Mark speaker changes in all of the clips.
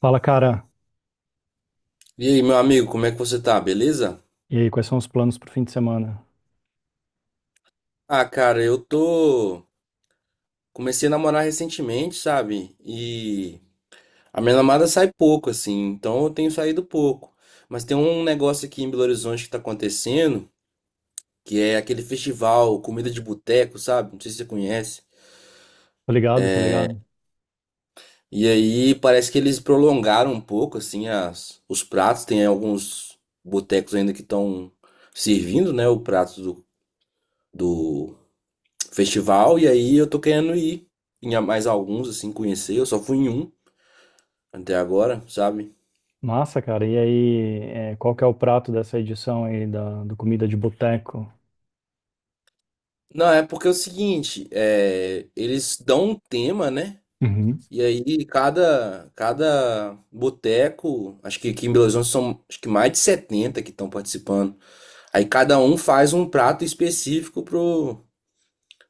Speaker 1: Fala, cara.
Speaker 2: E aí, meu amigo, como é que você tá? Beleza?
Speaker 1: E aí, quais são os planos pro fim de semana?
Speaker 2: Ah, cara, eu tô. Comecei a namorar recentemente, sabe? E a minha namorada sai pouco, assim, então eu tenho saído pouco. Mas tem um negócio aqui em Belo Horizonte que tá acontecendo, que é aquele festival Comida de Boteco, sabe? Não sei se você conhece.
Speaker 1: Tá ligado, tá ligado?
Speaker 2: E aí parece que eles prolongaram um pouco, assim, os pratos. Tem alguns botecos ainda que estão servindo, né? O prato do festival, e aí eu tô querendo ir mais alguns, assim, conhecer. Eu só fui em um até agora, sabe?
Speaker 1: Massa, cara. E aí, é, qual que é o prato dessa edição aí da, do Comida de Boteco?
Speaker 2: Não, é porque é o seguinte, eles dão um tema, né?
Speaker 1: Uhum.
Speaker 2: E aí cada boteco, acho que aqui em Belo Horizonte são acho que mais de 70 que estão participando. Aí cada um faz um prato específico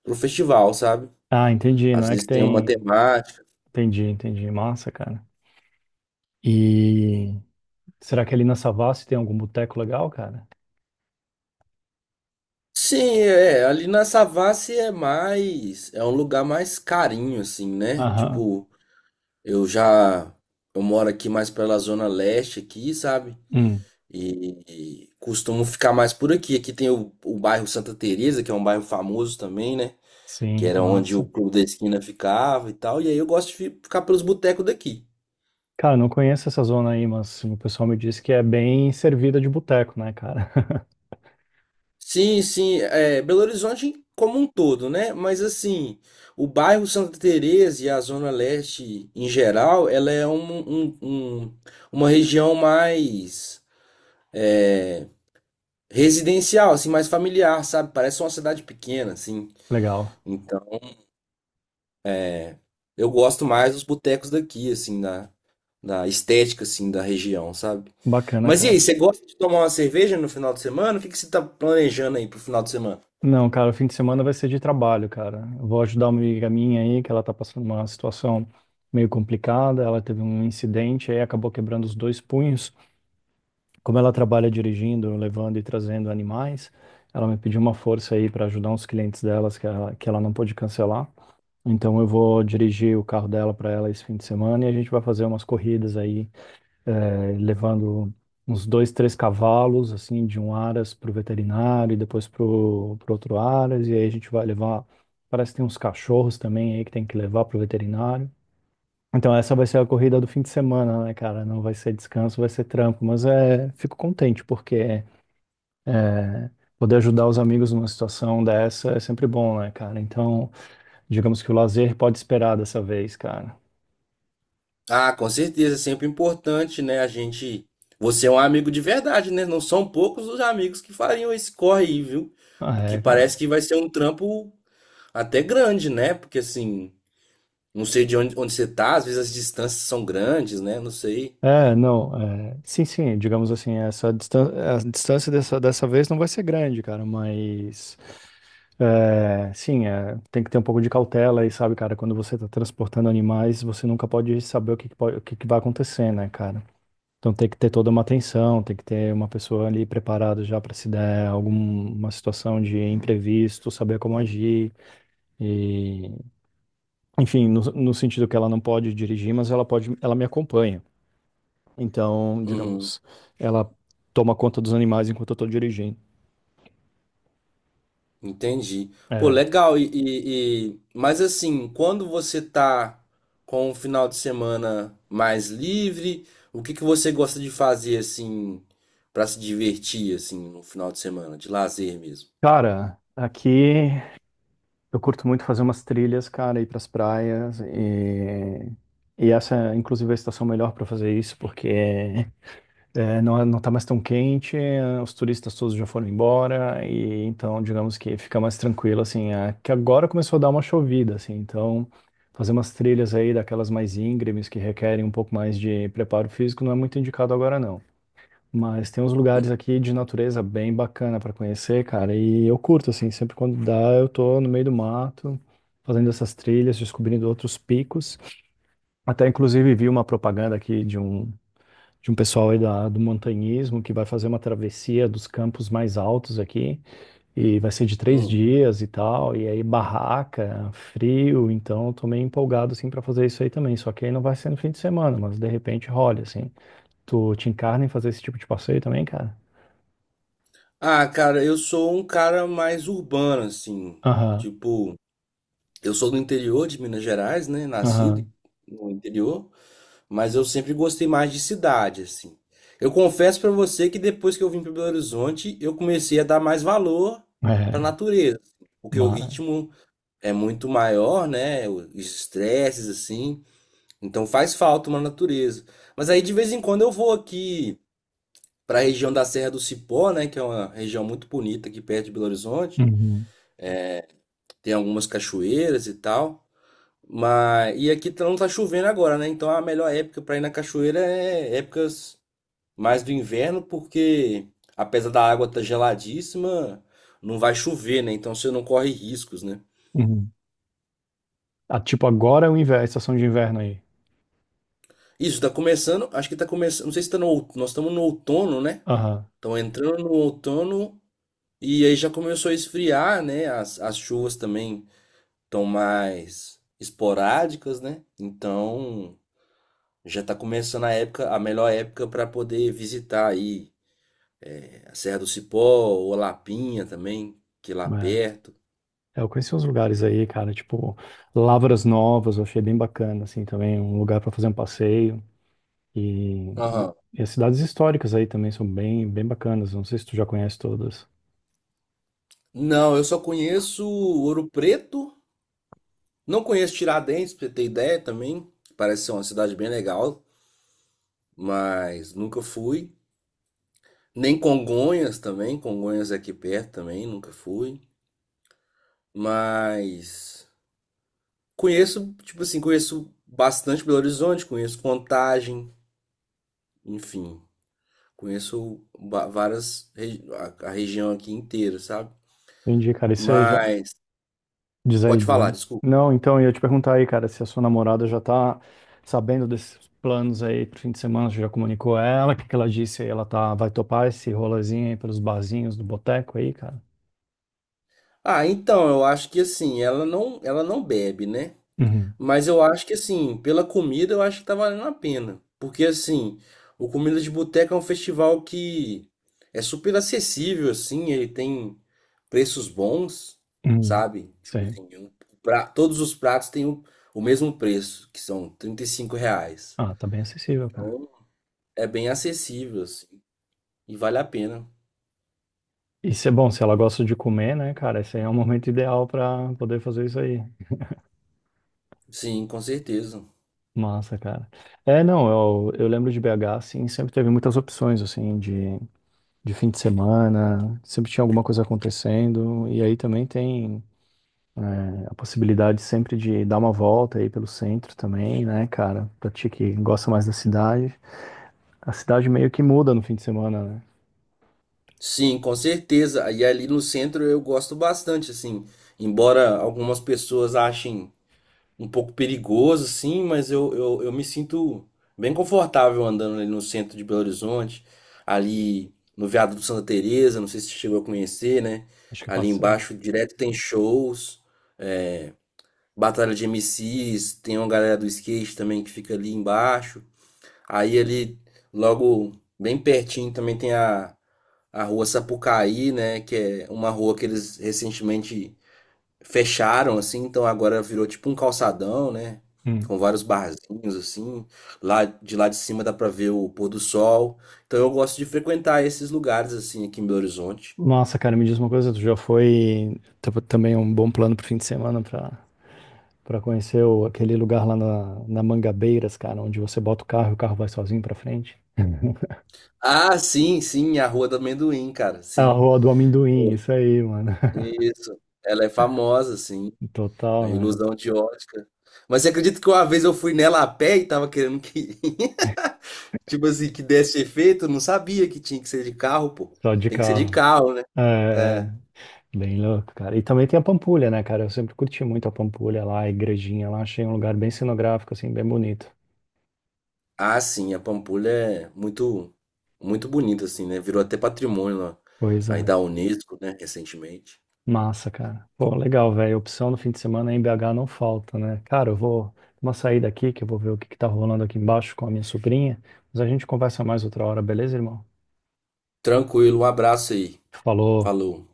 Speaker 2: pro festival, sabe?
Speaker 1: Ah, entendi.
Speaker 2: Às
Speaker 1: Não é que
Speaker 2: vezes tem uma
Speaker 1: tem.
Speaker 2: temática.
Speaker 1: Entendi, entendi. Massa, cara. E será que ali na Savassi tem algum boteco legal, cara?
Speaker 2: Sim, é, ali na Savassi é mais, é um lugar mais carinho, assim, né?
Speaker 1: Aham.
Speaker 2: Tipo, eu já, eu moro aqui mais pela zona leste aqui, sabe?
Speaker 1: Hum.
Speaker 2: E costumo ficar mais por aqui. Aqui tem o bairro Santa Teresa, que é um bairro famoso também, né? Que
Speaker 1: Sim,
Speaker 2: era onde o
Speaker 1: massa.
Speaker 2: Clube da Esquina ficava e tal. E aí eu gosto de ficar pelos botecos daqui.
Speaker 1: Cara, não conheço essa zona aí, mas o pessoal me disse que é bem servida de boteco, né, cara?
Speaker 2: Sim, sim, é, Belo Horizonte como um todo, né? Mas assim, o bairro Santa Teresa e a zona leste em geral, ela é uma região mais, é, residencial, assim, mais familiar, sabe? Parece uma cidade pequena, assim.
Speaker 1: Legal.
Speaker 2: Então, eu gosto mais dos botecos daqui, assim, da estética, assim, da região, sabe?
Speaker 1: Bacana,
Speaker 2: Mas e aí,
Speaker 1: cara.
Speaker 2: você gosta de tomar uma cerveja no final de semana? O que que você tá planejando aí pro final de semana?
Speaker 1: Não, cara, o fim de semana vai ser de trabalho, cara. Eu vou ajudar uma amiga minha aí, que ela tá passando uma situação meio complicada. Ela teve um incidente aí, acabou quebrando os dois punhos. Como ela trabalha dirigindo, levando e trazendo animais, ela me pediu uma força aí para ajudar uns clientes delas que ela não pôde cancelar. Então eu vou dirigir o carro dela para ela esse fim de semana e a gente vai fazer umas corridas aí levando uns dois, três cavalos, assim, de um aras para o veterinário e depois para o outro aras, e aí a gente vai levar, parece que tem uns cachorros também aí que tem que levar para o veterinário. Então essa vai ser a corrida do fim de semana, né, cara? Não vai ser descanso, vai ser trampo, mas é, fico contente porque é, poder ajudar os amigos numa situação dessa é sempre bom, né, cara? Então, digamos que o lazer pode esperar dessa vez, cara.
Speaker 2: Ah, com certeza, é sempre importante, né? A gente. Você é um amigo de verdade, né? Não são poucos os amigos que fariam esse corre aí, viu?
Speaker 1: Ah,
Speaker 2: Porque
Speaker 1: é,
Speaker 2: parece
Speaker 1: cara.
Speaker 2: que vai ser um trampo até grande, né? Porque assim. Não sei de onde você tá, às vezes as distâncias são grandes, né? Não sei.
Speaker 1: É, não, é, sim, sim, digamos assim, essa distância, a distância dessa vez não vai ser grande, cara, mas é, sim, é, tem que ter um pouco de cautela aí, sabe, cara, quando você tá transportando animais, você nunca pode saber o que, que pode- o que que vai acontecer, né, cara? Então tem que ter toda uma atenção, tem que ter uma pessoa ali preparada já para se der alguma situação de imprevisto, saber como agir e, enfim, no sentido que ela não pode dirigir, mas ela pode, ela me acompanha. Então,
Speaker 2: Uhum,
Speaker 1: digamos, ela toma conta dos animais enquanto eu tô dirigindo.
Speaker 2: entendi. Pô,
Speaker 1: É.
Speaker 2: legal. E, mas assim, quando você tá com um final de semana mais livre, o que que você gosta de fazer, assim, pra se divertir, assim, no final de semana, de lazer mesmo?
Speaker 1: Cara, aqui eu curto muito fazer umas trilhas, cara, ir pras praias e. E essa, inclusive, é a estação melhor para fazer isso, porque é, é, não tá mais tão quente, os turistas todos já foram embora, e então, digamos que fica mais tranquilo, assim, é, que agora começou a dar uma chovida, assim, então fazer umas trilhas aí daquelas mais íngremes que requerem um pouco mais de preparo físico não é muito indicado agora, não. Mas tem uns lugares aqui de natureza bem bacana para conhecer, cara. E eu curto, assim, sempre quando dá, eu tô no meio do mato, fazendo essas trilhas, descobrindo outros picos. Até, inclusive, vi uma propaganda aqui de um pessoal aí da, do montanhismo que vai fazer uma travessia dos campos mais altos aqui. E vai ser de três
Speaker 2: Hum.
Speaker 1: dias e tal. E aí, barraca, frio. Então, eu tô meio empolgado, assim, para fazer isso aí também. Só que aí não vai ser no fim de semana, mas de repente rola, assim. Tu te encarna em fazer esse tipo de passeio também, cara?
Speaker 2: Ah, cara, eu sou um cara mais urbano, assim.
Speaker 1: Aham,
Speaker 2: Tipo, eu sou do interior de Minas Gerais, né? Nascido
Speaker 1: aham.
Speaker 2: no interior. Mas eu sempre gostei mais de cidade, assim. Eu confesso pra você que depois que eu vim para Belo Horizonte, eu comecei a dar mais valor pra
Speaker 1: É,
Speaker 2: natureza, porque o
Speaker 1: mas.
Speaker 2: ritmo é muito maior, né? Os estresses assim, então faz falta uma natureza. Mas aí de vez em quando eu vou aqui pra região da Serra do Cipó, né, que é uma região muito bonita aqui perto de Belo Horizonte.
Speaker 1: Uhum,
Speaker 2: Tem algumas cachoeiras e tal. Mas e aqui não tá chovendo agora, né? Então a melhor época pra ir na cachoeira é épocas mais do inverno, porque apesar da água estar geladíssima, não vai chover, né? Então você não corre riscos, né?
Speaker 1: uhum. Ah, tipo, agora é o inverno, a estação de inverno aí.
Speaker 2: Isso, tá começando, acho que tá começando, não sei se tá no, nós estamos no outono, né?
Speaker 1: Aham,
Speaker 2: Estão entrando no outono e aí já começou a esfriar, né? As chuvas também estão mais esporádicas, né? Então já tá começando a época, a melhor época para poder visitar aí a Serra do Cipó ou Lapinha também, que é lá
Speaker 1: é.
Speaker 2: perto.
Speaker 1: É, eu conheci uns lugares aí, cara, tipo, Lavras Novas, eu achei bem bacana, assim, também, um lugar para fazer um passeio. E, e as cidades históricas aí também são bem, bem bacanas, não sei se tu já conhece todas.
Speaker 2: Não, eu só conheço Ouro Preto, não conheço Tiradentes, pra você ter ideia também. Parece ser uma cidade bem legal, mas nunca fui. Nem Congonhas também, Congonhas é aqui perto também, nunca fui. Mas conheço, tipo assim, conheço bastante Belo Horizonte, conheço Contagem, enfim, conheço a região aqui inteira, sabe?
Speaker 1: Entendi, cara, e você já.
Speaker 2: Mas
Speaker 1: Diz aí,
Speaker 2: pode
Speaker 1: diz
Speaker 2: falar,
Speaker 1: aí.
Speaker 2: desculpa.
Speaker 1: Não, então, eu ia te perguntar aí, cara, se a sua namorada já tá sabendo desses planos aí pro fim de semana, você já comunicou a ela, o que que ela disse aí? Ela tá, vai topar esse rolezinho aí pelos barzinhos do boteco aí, cara?
Speaker 2: Ah, então, eu acho que assim, ela não bebe, né?
Speaker 1: Uhum,
Speaker 2: Mas eu acho que assim, pela comida eu acho que tá valendo a pena. Porque assim, o Comida de Boteca é um festival que é super acessível, assim, ele tem preços bons,
Speaker 1: uhum.
Speaker 2: sabe?
Speaker 1: Isso.
Speaker 2: Tipo assim, todos os pratos têm o mesmo preço, que são 35 reais.
Speaker 1: Ah, tá bem acessível, cara.
Speaker 2: Então é bem acessível, assim, e vale a pena.
Speaker 1: Isso é bom, se ela gosta de comer, né, cara? Esse aí é o momento ideal pra poder fazer isso aí.
Speaker 2: Sim, com certeza.
Speaker 1: Massa, cara. É, não, eu lembro de BH, assim, sempre teve muitas opções, assim, de fim de semana, sempre tinha alguma coisa acontecendo, e aí também tem é, a possibilidade sempre de dar uma volta aí pelo centro também, né, cara? Pra ti que gosta mais da cidade. A cidade meio que muda no fim de semana, né?
Speaker 2: Sim, com certeza. E ali no centro eu gosto bastante, assim, embora algumas pessoas achem um pouco perigoso, sim, mas eu me sinto bem confortável andando ali no centro de Belo Horizonte, ali no Viaduto Santa Teresa, não sei se você chegou a conhecer, né?
Speaker 1: Acho que eu
Speaker 2: Ali
Speaker 1: passei.
Speaker 2: embaixo direto tem shows, é, batalha de MCs, tem uma galera do skate também que fica ali embaixo. Aí ali logo bem pertinho também tem a rua Sapucaí, né, que é uma rua que eles recentemente fecharam assim, então agora virou tipo um calçadão, né?
Speaker 1: Hum.
Speaker 2: Com vários barzinhos assim. Lá de cima dá pra ver o pôr do sol. Então eu gosto de frequentar esses lugares assim aqui em Belo Horizonte.
Speaker 1: Nossa, cara, me diz uma coisa, tu já foi tá- também um bom plano pro fim de semana pra, pra conhecer o- aquele lugar lá na, na Mangabeiras, cara, onde você bota o carro e o carro vai sozinho pra frente?
Speaker 2: Ah, sim, sim, a Rua do Amendoim, cara,
Speaker 1: A
Speaker 2: sim.
Speaker 1: Rua do Amendoim,
Speaker 2: Pô,
Speaker 1: isso aí, mano.
Speaker 2: isso. Ela é famosa, sim. A
Speaker 1: Total, né?
Speaker 2: ilusão de ótica. Mas você acredita que uma vez eu fui nela a pé e tava querendo que, tipo assim, que desse efeito? Eu não sabia que tinha que ser de carro, pô.
Speaker 1: Só de
Speaker 2: Tem que ser de
Speaker 1: carro.
Speaker 2: carro, né?
Speaker 1: É,
Speaker 2: É.
Speaker 1: é, bem louco, cara. E também tem a Pampulha, né, cara? Eu sempre curti muito a Pampulha lá, a igrejinha lá. Achei um lugar bem cenográfico, assim, bem bonito.
Speaker 2: Ah, sim, a Pampulha é muito, muito bonita, assim, né? Virou até patrimônio lá, aí
Speaker 1: Coisa
Speaker 2: da Unesco, né, recentemente.
Speaker 1: massa, cara. Pô, legal, velho. Opção no fim de semana em BH não falta, né? Cara, eu vou uma saída aqui, que eu vou ver o que que tá rolando aqui embaixo com a minha sobrinha. Mas a gente conversa mais outra hora, beleza, irmão?
Speaker 2: Tranquilo, um abraço aí.
Speaker 1: Falou.
Speaker 2: Falou.